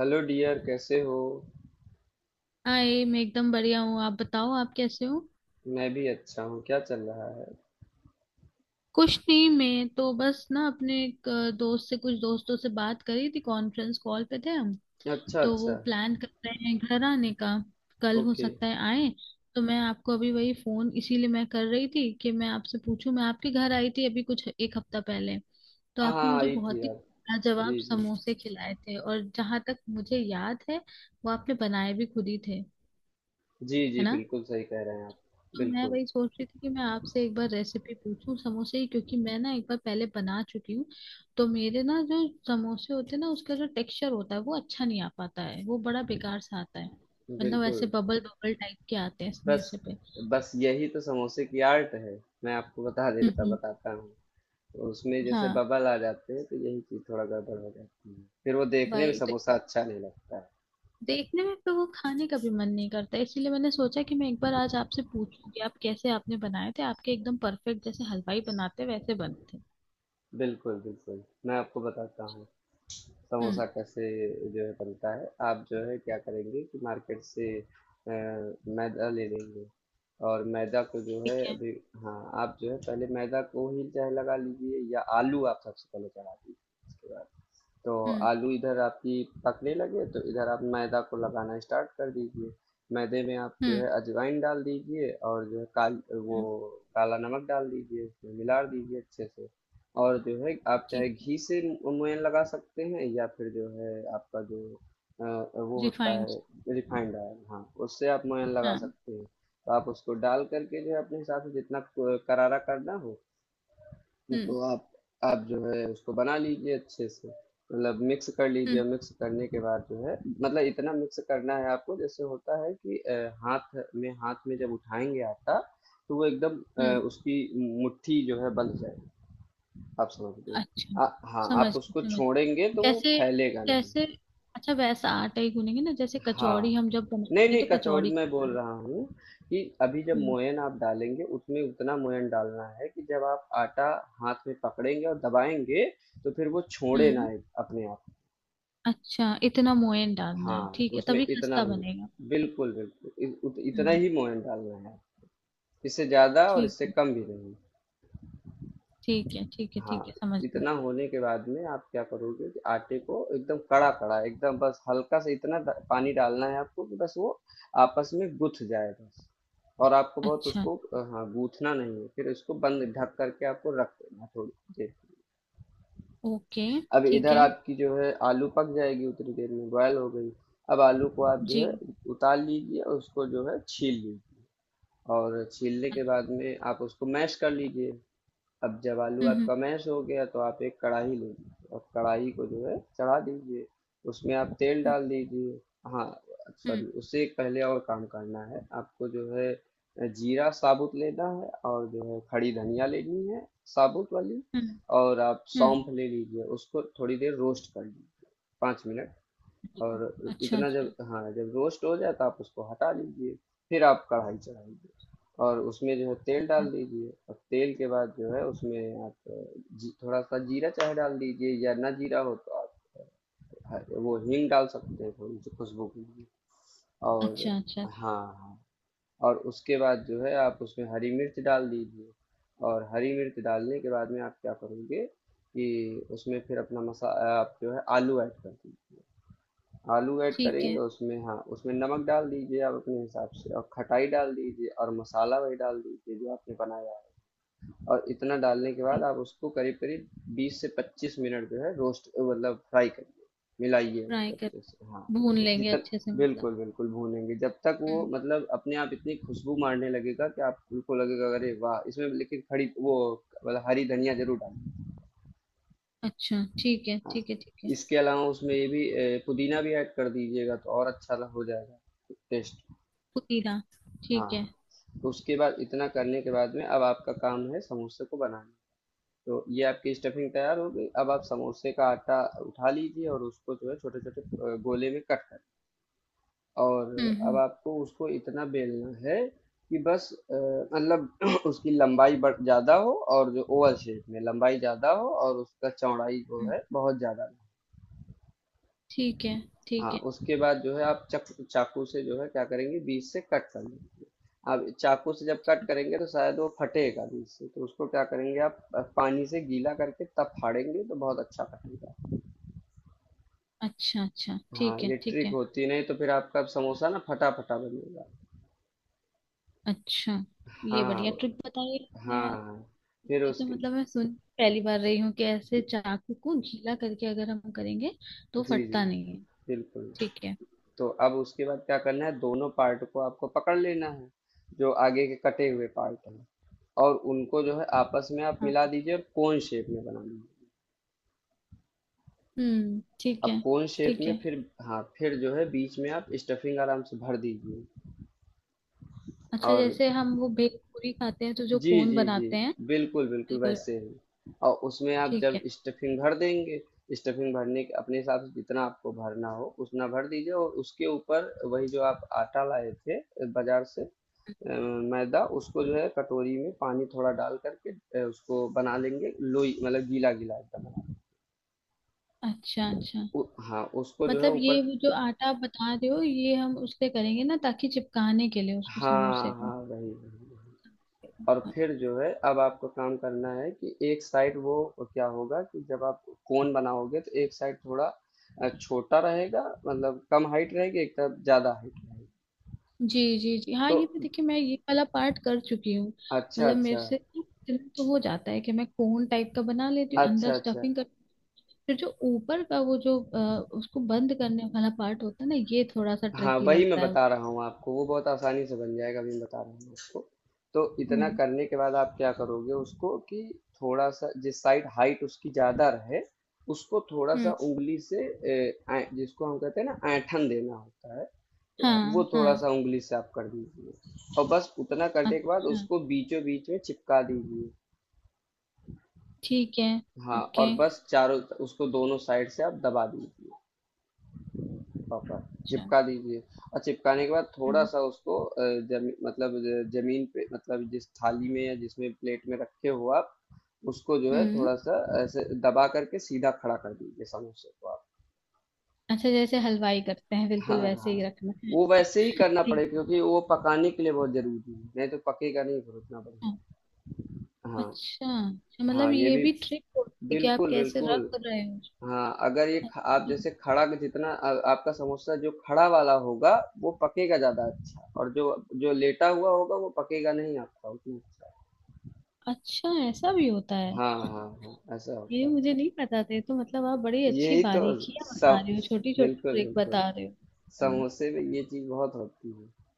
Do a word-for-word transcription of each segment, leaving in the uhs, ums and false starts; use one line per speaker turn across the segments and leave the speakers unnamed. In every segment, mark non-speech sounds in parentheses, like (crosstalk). Hello dear, कैसे हो।
Hi. मैं एकदम बढ़िया हूँ। आप बताओ, आप कैसे हो।
मैं भी अच्छा हूँ। क्या चल रहा है।
कुछ नहीं। मैं तो बस ना अपने एक अ, दोस्त से कुछ दोस्तों से बात करी थी। कॉन्फ्रेंस कॉल पे थे हम।
अच्छा
तो वो
अच्छा।
प्लान कर रहे हैं घर आने का। कल हो
ओके।
सकता है आए। तो मैं आपको अभी वही फोन इसीलिए मैं कर रही थी कि मैं आपसे पूछूं। मैं आपके घर आई थी अभी कुछ एक हफ्ता पहले। तो
हाँ
आपने
हाँ,
मुझे
आई थी
बहुत ही
आप।
लाजवाब
जी जी।
समोसे खिलाए थे, और जहां तक मुझे याद है वो आपने बनाए भी खुद ही थे,
जी
है
जी,
ना।
बिल्कुल सही कह रहे हैं आप।
तो मैं
बिल्कुल
वही सोच रही थी कि मैं आपसे एक बार रेसिपी पूछूं समोसे की, क्योंकि मैं ना एक बार पहले बना चुकी हूँ। तो मेरे ना जो समोसे होते हैं ना, उसका जो टेक्सचर होता है वो अच्छा नहीं आ पाता है। वो बड़ा बेकार सा आता है। मतलब ऐसे
बिल्कुल।
बबल बबल टाइप के आते हैं
बस
समोसे पे।
बस, यही तो समोसे की आर्ट है। मैं आपको बता
तो
देता
हम्म।
बताता हूँ। तो उसमें जैसे
हाँ।
बबल आ जाते हैं तो यही चीज़ थोड़ा गड़बड़ हो जाती है, फिर वो देखने में
भाई, तो।
समोसा अच्छा नहीं लगता है।
देखने में तो वो खाने का भी मन नहीं करता। इसीलिए मैंने सोचा कि मैं एक बार आज आपसे पूछूं कि आप कैसे आपने बनाए थे। आपके एकदम परफेक्ट, जैसे हलवाई बनाते वैसे बनते।
बिल्कुल बिल्कुल, मैं आपको बताता हूँ
हम्म।
समोसा कैसे जो है बनता है। आप जो है क्या करेंगे कि मार्केट से अ, मैदा ले लेंगे। और मैदा को जो
ठीक
है
है।
अभी, हाँ, आप जो है पहले मैदा को ही चाहे लगा लीजिए या आलू आप सबसे पहले चढ़ा दीजिए। उसके बाद तो
हम्म।
आलू इधर आपकी पकने लगे तो इधर आप मैदा को लगाना स्टार्ट कर दीजिए। मैदे में आप जो
हम्म।
है अजवाइन डाल दीजिए और जो है काल वो
हम्म।
काला नमक डाल दीजिए, उसमें मिला दीजिए अच्छे से। और जो है आप चाहे
ठीक है।
घी से मु- मुंयन लगा सकते हैं या फिर जो है आपका जो अ, वो होता
रिफाइंड।
है रिफाइंड ऑयल, हाँ, उससे आप मुंयन लगा
हाँ।
सकते हैं। तो आप उसको डाल करके जो है अपने हिसाब से जितना क- करारा करना हो,
हम्म।
तो आप आप जो है उसको बना लीजिए अच्छे से। मतलब मिक्स कर लीजिए।
हम्म।
मिक्स करने के बाद जो है, मतलब इतना मिक्स करना है आपको, जैसे होता है कि अ, हाथ में हाथ में जब उठाएंगे आटा, तो वो एकदम अ,
हम्म।
उसकी मुट्ठी जो है बंध जाए। आप समझ गए।
अच्छा।
आ- हाँ,
समझ
आप
गई,
उसको
समझ
छोड़ेंगे
गई,
तो वो
जैसे,
फैलेगा नहीं।
जैसे। अच्छा, वैसा आटा ही गूनेंगे ना, जैसे कचौड़ी
हाँ।
हम जब
नहीं,
बनाते हैं
नहीं,
तो
कचौड़ी
कचौड़ी
मैं
खाता
बोल
है।
रहा हूँ कि अभी जब
हम्म।
मोयन आप डालेंगे उसमें उतना मोयन डालना है कि जब आप आटा हाथ में पकड़ेंगे और दबाएंगे तो फिर वो छोड़े
हम्म।
ना एक- अपने आप।
अच्छा, इतना मोयन डालना
हाँ,
है, ठीक है,
उसमें
तभी
इतना
खस्ता
ही।
बनेगा।
बिल्कुल बिल्कुल, इ, उत, इतना
हम्म।
ही मोयन डालना है। इससे ज्यादा और
ठीक
इससे
है,
कम भी नहीं।
ठीक है, ठीक है, ठीक
हाँ,
है, समझ गई।
इतना होने के बाद में आप क्या करोगे कि आटे को एकदम कड़ा कड़ा, एकदम बस हल्का सा इतना ड- पानी डालना है आपको कि बस वो आपस में गुथ जाए बस। और आपको बहुत
अच्छा।
उसको अ, हाँ, गूथना नहीं है। फिर इसको बंद ढक करके आपको रख देना है थोड़ी देर।
ओके।
अब
ठीक
इधर
है।
आपकी जो है आलू पक जाएगी उतनी देर में, बॉयल हो गई। अब आलू को आप जो
जी।
है उतार लीजिए और उसको जो है छील लीजिए। और छीलने के बाद में आप उसको मैश कर लीजिए। अब जब आलू
हम्म।
आपका मैश हो गया, तो आप एक कढ़ाई ले लीजिए और कढ़ाई को जो है चढ़ा दीजिए। उसमें आप तेल
हम्म।
डाल दीजिए। हाँ,
हम्म।
सॉरी, उससे एक पहले और काम करना है आपको, जो है जीरा साबुत लेना है और जो है खड़ी धनिया लेनी है, साबुत वाली।
हम्म।
और आप
हम्म।
सौंफ ले लीजिए, उसको थोड़ी देर रोस्ट कर लीजिए, पाँच मिनट। और
अच्छा,
इतना जब,
अच्छा।
हाँ, जब रोस्ट हो जाए तो आप उसको हटा लीजिए। फिर आप कढ़ाई चढ़ाइए और उसमें जो है तेल
अच्छा,
डाल दीजिए। और तेल के बाद जो है उसमें आप, जी, थोड़ा सा जीरा चाहे डाल दीजिए या ना जीरा हो तो आप ह- वो हींग डाल सकते हैं थोड़ी सी खुशबू के लिए। और,
अच्छा। अच्छा, अच्छा।
हाँ हाँ, और उसके बाद जो है आप उसमें हरी मिर्च डाल दीजिए। और हरी मिर्च डालने के बाद में आप क्या करोगे कि उसमें फिर अपना मसा आप जो है आलू ऐड कर दीजिए। आलू ऐड
ठीक
करेंगे,
है।
उसमें, हाँ, उसमें नमक डाल दीजिए आप अपने हिसाब से और खटाई डाल दीजिए और मसाला वही डाल दीजिए जो आपने बनाया है। और इतना डालने के बाद आप उसको करीब करीब बीस से पच्चीस मिनट जो है रोस्ट, मतलब फ्राई करिए, मिलाइए उसको
फ्राई कर,
अच्छे से। हाँ,
भून लेंगे
जितना,
अच्छे से, मतलब।
बिल्कुल बिल्कुल, भूनेंगे जब तक वो,
हम्म।
मतलब अपने आप इतनी खुशबू मारने लगेगा कि आपको लगेगा अरे वाह, इसमें लेकिन खड़ी वो, मतलब हरी धनिया जरूर डालिए।
अच्छा, ठीक है,
हाँ,
ठीक है, ठीक है।
इसके अलावा उसमें ये भी अ, पुदीना भी ऐड कर दीजिएगा तो और अच्छा हो जाएगा टेस्ट।
पुदीना। ठीक है।
हाँ, तो उसके बाद इतना करने के बाद में अब आपका काम है समोसे को बनाना। तो ये आपकी स्टफिंग तैयार हो गई। अब आप समोसे का आटा उठा लीजिए और उसको जो है छोटे छोटे गोले में कट कर। और
हम्म।
अब
हम्म।
आपको उसको इतना बेलना है कि बस अ, मतलब (clears throat) उसकी लंबाई बढ़ ज़्यादा हो, और जो ओवल शेप में लंबाई ज़्यादा हो और उसका चौड़ाई जो
हम्म।
है बहुत ज़्यादा ना।
ठीक है,
हाँ,
ठीक है।
उसके बाद जो है आप चक चाकू से जो है क्या करेंगे बीच से कट कर लेंगे। अब चाकू से जब कट करेंगे तो शायद वो फटेगा बीच से, तो उसको क्या करेंगे, आप अ, पानी से गीला करके तब फाड़ेंगे तो बहुत अच्छा फटेगा।
अच्छा, अच्छा,
हाँ,
ठीक है,
ये
ठीक
ट्रिक
है।
होती है, नहीं तो फिर आपका समोसा ना फटा फटा बनेगा।
अच्छा। ये बढ़िया
हाँ
ट्रिक बताइए आपने,
हाँ
यार।
हाँ, फिर
ये तो
उसके,
मतलब मैं सुन पहली बार रही हूँ कि ऐसे चाकू को गीला करके अगर हम करेंगे तो
जी जी,
फटता नहीं है।
बिल्कुल।
ठीक है।
तो अब उसके बाद क्या करना है, दोनों पार्ट को आपको पकड़ लेना है, जो आगे के कटे हुए पार्ट हैं, और उनको जो है आपस में आप
हाँ।
मिला दीजिए और कोन शेप में बना लीजिए।
हम्म। ठीक
अब
है,
कोन शेप
ठीक
में
है।
फिर, हाँ, फिर जो है बीच में आप स्टफिंग आराम से भर दीजिए।
अच्छा,
और
जैसे हम वो भेलपूरी खाते हैं तो जो
जी
कोन
जी जी,
बनाते हैं।
बिल्कुल बिल्कुल
बिल्कुल।
वैसे ही। और उसमें आप
ठीक
जब
है।
स्टफिंग भर देंगे, स्टफिंग भरने के अपने हिसाब से जितना आपको भरना हो उतना भर दीजिए, और उसके ऊपर वही जो आप आटा लाए थे बाजार से, अ, मैदा, उसको जो है कटोरी में पानी थोड़ा डाल करके, अ, उसको बना लेंगे लोई, मतलब गीला गीला एकदम बना।
अच्छा, अच्छा।
उ, हाँ, उसको जो है
मतलब ये
ऊपर,
वो जो आटा आप बता रहे हो, ये हम उससे करेंगे ना, ताकि चिपकाने के लिए उसको, समोसे
हाँ हाँ,
को।
वही वही वही। और
हाँ।
फिर जो है अब आपको काम करना है कि एक साइड वो क्या होगा कि जब आप कोन बनाओगे तो एक साइड थोड़ा अ, छोटा रहेगा, मतलब कम हाइट रहेगी, एक तरफ ज्यादा हाइट रहेगी।
जी, जी, जी। हाँ,
तो
ये मैं, देखिए, मैं ये वाला पार्ट कर चुकी हूँ।
अच्छा
मतलब मेरे
अच्छा,
से इतना तो हो जाता है कि मैं कोन टाइप का बना लेती हूँ, अंदर
अच्छा अच्छा।
स्टफिंग कर। फिर जो ऊपर का वो जो अ, उसको बंद करने वाला पार्ट होता है ना, ये थोड़ा सा
हाँ,
ट्रिकी
वही मैं
लगता है।
बता रहा हूँ आपको, वो बहुत आसानी से बन जाएगा। अभी मैं बता रहा हूँ आपको। तो इतना
हम्म।
करने के बाद आप क्या करोगे उसको कि थोड़ा सा जिस साइड हाइट उसकी ज्यादा रहे, उसको थोड़ा सा
हम्म।
उंगली से ए, ऐं- जिसको हम कहते हैं ना ऐंठन देना होता है। तो वो
हाँ,
थोड़ा
हाँ।
सा उंगली से आप कर दीजिए, और बस उतना करने के बाद
अच्छा,
उसको बीचों बीच में चिपका दीजिए।
ठीक है।
हाँ, और
ओके।
बस चारों, उसको दोनों साइड से आप दबा दीजिए, पकड़
अच्छा।
चिपका दीजिए। और चिपकाने के बाद
हम्म।
थोड़ा-सा उसको अ, जमी मतलब ज ज़मीन पे, मतलब जिस थाली में या जिसमें प्लेट में रखे हो आप, उसको जो है
हम्म।
थोड़ा-सा ऐसे दबा कर के सीधा खड़ा कर दीजिए समोसे को आप।
अच्छा, जैसे हलवाई करते हैं
हाँ,
बिल्कुल वैसे ही
हाँ।
रखना है।
वो वैसे ही करना
(laughs)
पड़ेगा
ठीक
क्योंकि वो पकाने के लिए बहुत ज़रूरी है, नहीं तो पकेगा नहीं फिर उतना
है।
बढ़िया। हाँ,
अच्छा, अच्छा। मतलब
हाँ, ये
ये
भी
भी ट्रिक होती है कि आप
बिल्कुल,
कैसे रख
बिल्कुल।
रहे हो।
हाँ, अगर ये ख- आप
अच्छा,
जैसे खड़ा के जितना आ, आपका समोसा जो खड़ा वाला होगा, वो पकेगा ज्यादा अच्छा, और जो जो लेटा हुआ होगा वो पकेगा नहीं आपका उतना अच्छा।
अच्छा, ऐसा भी होता है।
हाँ हाँ हाँ, ऐसा होता
ये
है।
मुझे नहीं पता था। ये तो मतलब आप बड़ी अच्छी
यही तो
बारीकियां बता
सब,
रहे हो, छोटी छोटी
बिल्कुल
ट्रिक
बिल्कुल,
बता रहे हो। हम्म।
समोसे में ये चीज बहुत होती है,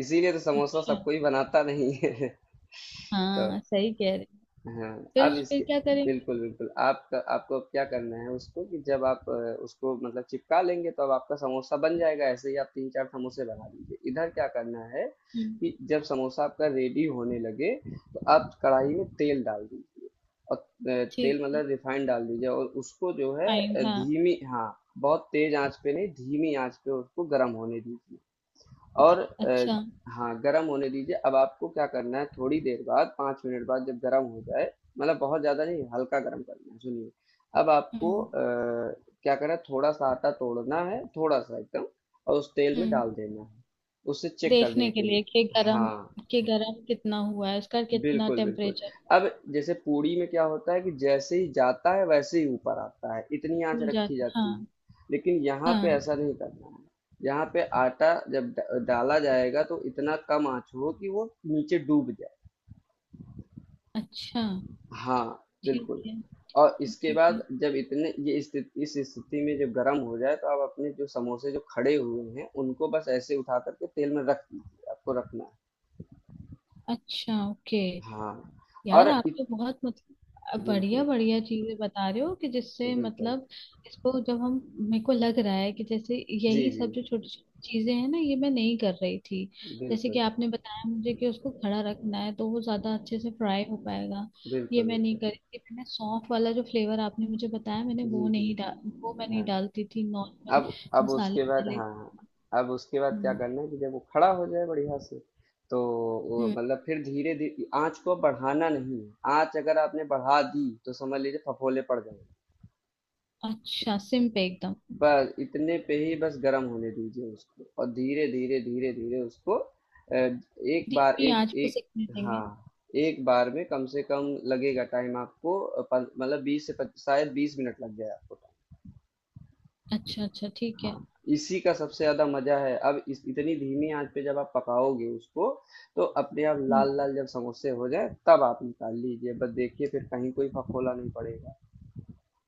इसीलिए तो समोसा
अच्छा।
सबको ही बनाता नहीं है (laughs) तो
हाँ, सही कह रहे हो।
हाँ,
फिर
अब
फिर
इसके,
क्या करेंगे।
बिल्कुल, बिल्कुल। आपका आपको अब क्या करना है उसको कि जब आप अ, उसको मतलब चिपका लेंगे तो अब आपका समोसा बन जाएगा। ऐसे ही आप तीन चार समोसे बना लीजिए। इधर क्या करना है
हम्म।
कि जब समोसा आपका रेडी होने लगे, तो आप कढ़ाई में तेल डाल दीजिए, और अ,
ठीक
तेल
है।
मतलब रिफाइंड डाल दीजिए और उसको जो है
फाइंड।
अ,
हाँ।
धीमी, हाँ, बहुत तेज़ आँच पे नहीं, धीमी आँच पे उसको गरम होने दीजिए। और अ,
अच्छा।
हाँ, गरम होने दीजिए। अब आपको क्या करना है थोड़ी देर बाद, पाँच मिनट बाद, जब गरम हो जाए, मतलब बहुत ज़्यादा नहीं, हल्का गरम करना है, सुनिए। अब आपको
हम्म।
अ, क्या करना है थोड़ा-सा आटा तोड़ना है, थोड़ा-सा एकदम, और उस तेल में
हम्म।
डाल देना है, उसे चेक करने
देखने के
के लिए।
लिए कि गरम
हाँ।
कि गरम कितना हुआ है, उसका कितना
बिल्कुल, बिल्कुल।
टेम्परेचर।
अब जैसे पूड़ी में क्या होता है कि जैसे ही जाता है वैसे ही ऊपर आता है, इतनी आँच
फूल
रखी
जाती।
जाती है।
हाँ।
लेकिन यहाँ पे
हाँ।
ऐसा नहीं करना है। यहाँ पे आटा जब ड डाला जाएगा तो इतना कम आँच हो कि वो नीचे डूब जाए।
अच्छा,
हाँ,
ठीक
बिल्कुल।
है,
और इसके
ठीक है।
बाद जब इतने ये स्थित इस स्थिति में जब गरम हो जाए तो आप अपने जो समोसे जो खड़े हुए हैं, उनको बस ऐसे उठा कर के तेल में रख दीजिए, आपको रखना है।
अच्छा। ओके।
हाँ,
यार,
और
आप
इत
तो बहुत मतलब बढ़िया
बिल्कुल,
बढ़िया चीजें बता रहे हो, कि जिससे
बिल्कुल।
मतलब। इसको जब हम मेरे को लग रहा है कि जैसे,
जी,
यही सब
जी।
जो छोटी छोटी चीजें हैं ना, ये मैं नहीं कर रही थी। जैसे कि
बिल्कुल,
आपने बताया मुझे कि उसको खड़ा रखना है तो वो ज्यादा अच्छे से फ्राई हो पाएगा। ये
बिल्कुल,
मैं नहीं
बिल्कुल।
कर रही थी। मैंने सौंफ वाला जो फ्लेवर आपने मुझे बताया, मैंने वो
जी,
नहीं
जी।
डाल वो मैं नहीं
हाँ,
डालती थी, नॉर्मल
अब अब
मसाले
उसके बाद,
वाले।
हाँ, अब उसके बाद क्या
हम्म।
करना है कि जब वो खड़ा हो जाए बढ़िया से, तो वो
हम्म।
मतलब फिर धीरे धी आँच को बढ़ाना नहीं है। आँच अगर आपने बढ़ा दी, तो समझ लीजिए फफोले पड़ जाएँगे।
अच्छा, सिम पे एकदम,
बस इतने पे ही बस गर्म होने दीजिए उसको और धीरे-धीरे, धीरे-धीरे उसको अ, एक बार
धीमी
एक
आंच पे
एक
सिकने देंगे।
हाँ, एक बार में कम से कम लगेगा टाइम आपको, अ, पन मतलब बीस से पच शायद बीस मिनट लग जाए आपको।
अच्छा, अच्छा, ठीक
हाँ,
है।
इसी का सबसे ज़्यादा मज़ा है। अब इस इतनी धीमी आँच पे जब आप पकाओगे उसको, तो अपने आप
हम्म।
लाल-लाल जब समोसे हो जाएँ तब आप निकाल लीजिए। बस देखिए फिर कहीं कोई फफोला नहीं पड़ेगा।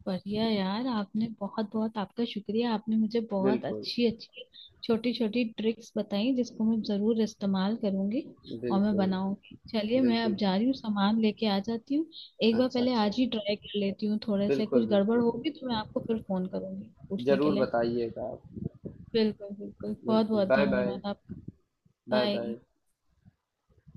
बढ़िया। यार, आपने बहुत बहुत, आपका शुक्रिया। आपने मुझे बहुत
बिल्कुल,
अच्छी अच्छी छोटी छोटी ट्रिक्स बताई, जिसको मैं जरूर इस्तेमाल करूंगी और मैं
बिल्कुल,
बनाऊंगी। चलिए, मैं अब
बिल्कुल।
जा रही हूँ, सामान लेके आ जाती हूँ। एक बार
अच्छा,
पहले
अच्छा।
आज ही ट्राई कर लेती हूँ, थोड़े से
बिल्कुल,
कुछ गड़बड़
बिल्कुल।
होगी तो मैं आपको फिर फोन करूंगी पूछने के
ज़रूर
लिए।
बताइएगा आप।
बिल्कुल, बिल्कुल। बहुत
बिल्कुल,
बहुत
बाय-बाय।
धन्यवाद आपका। बाय।
बाय-बाय।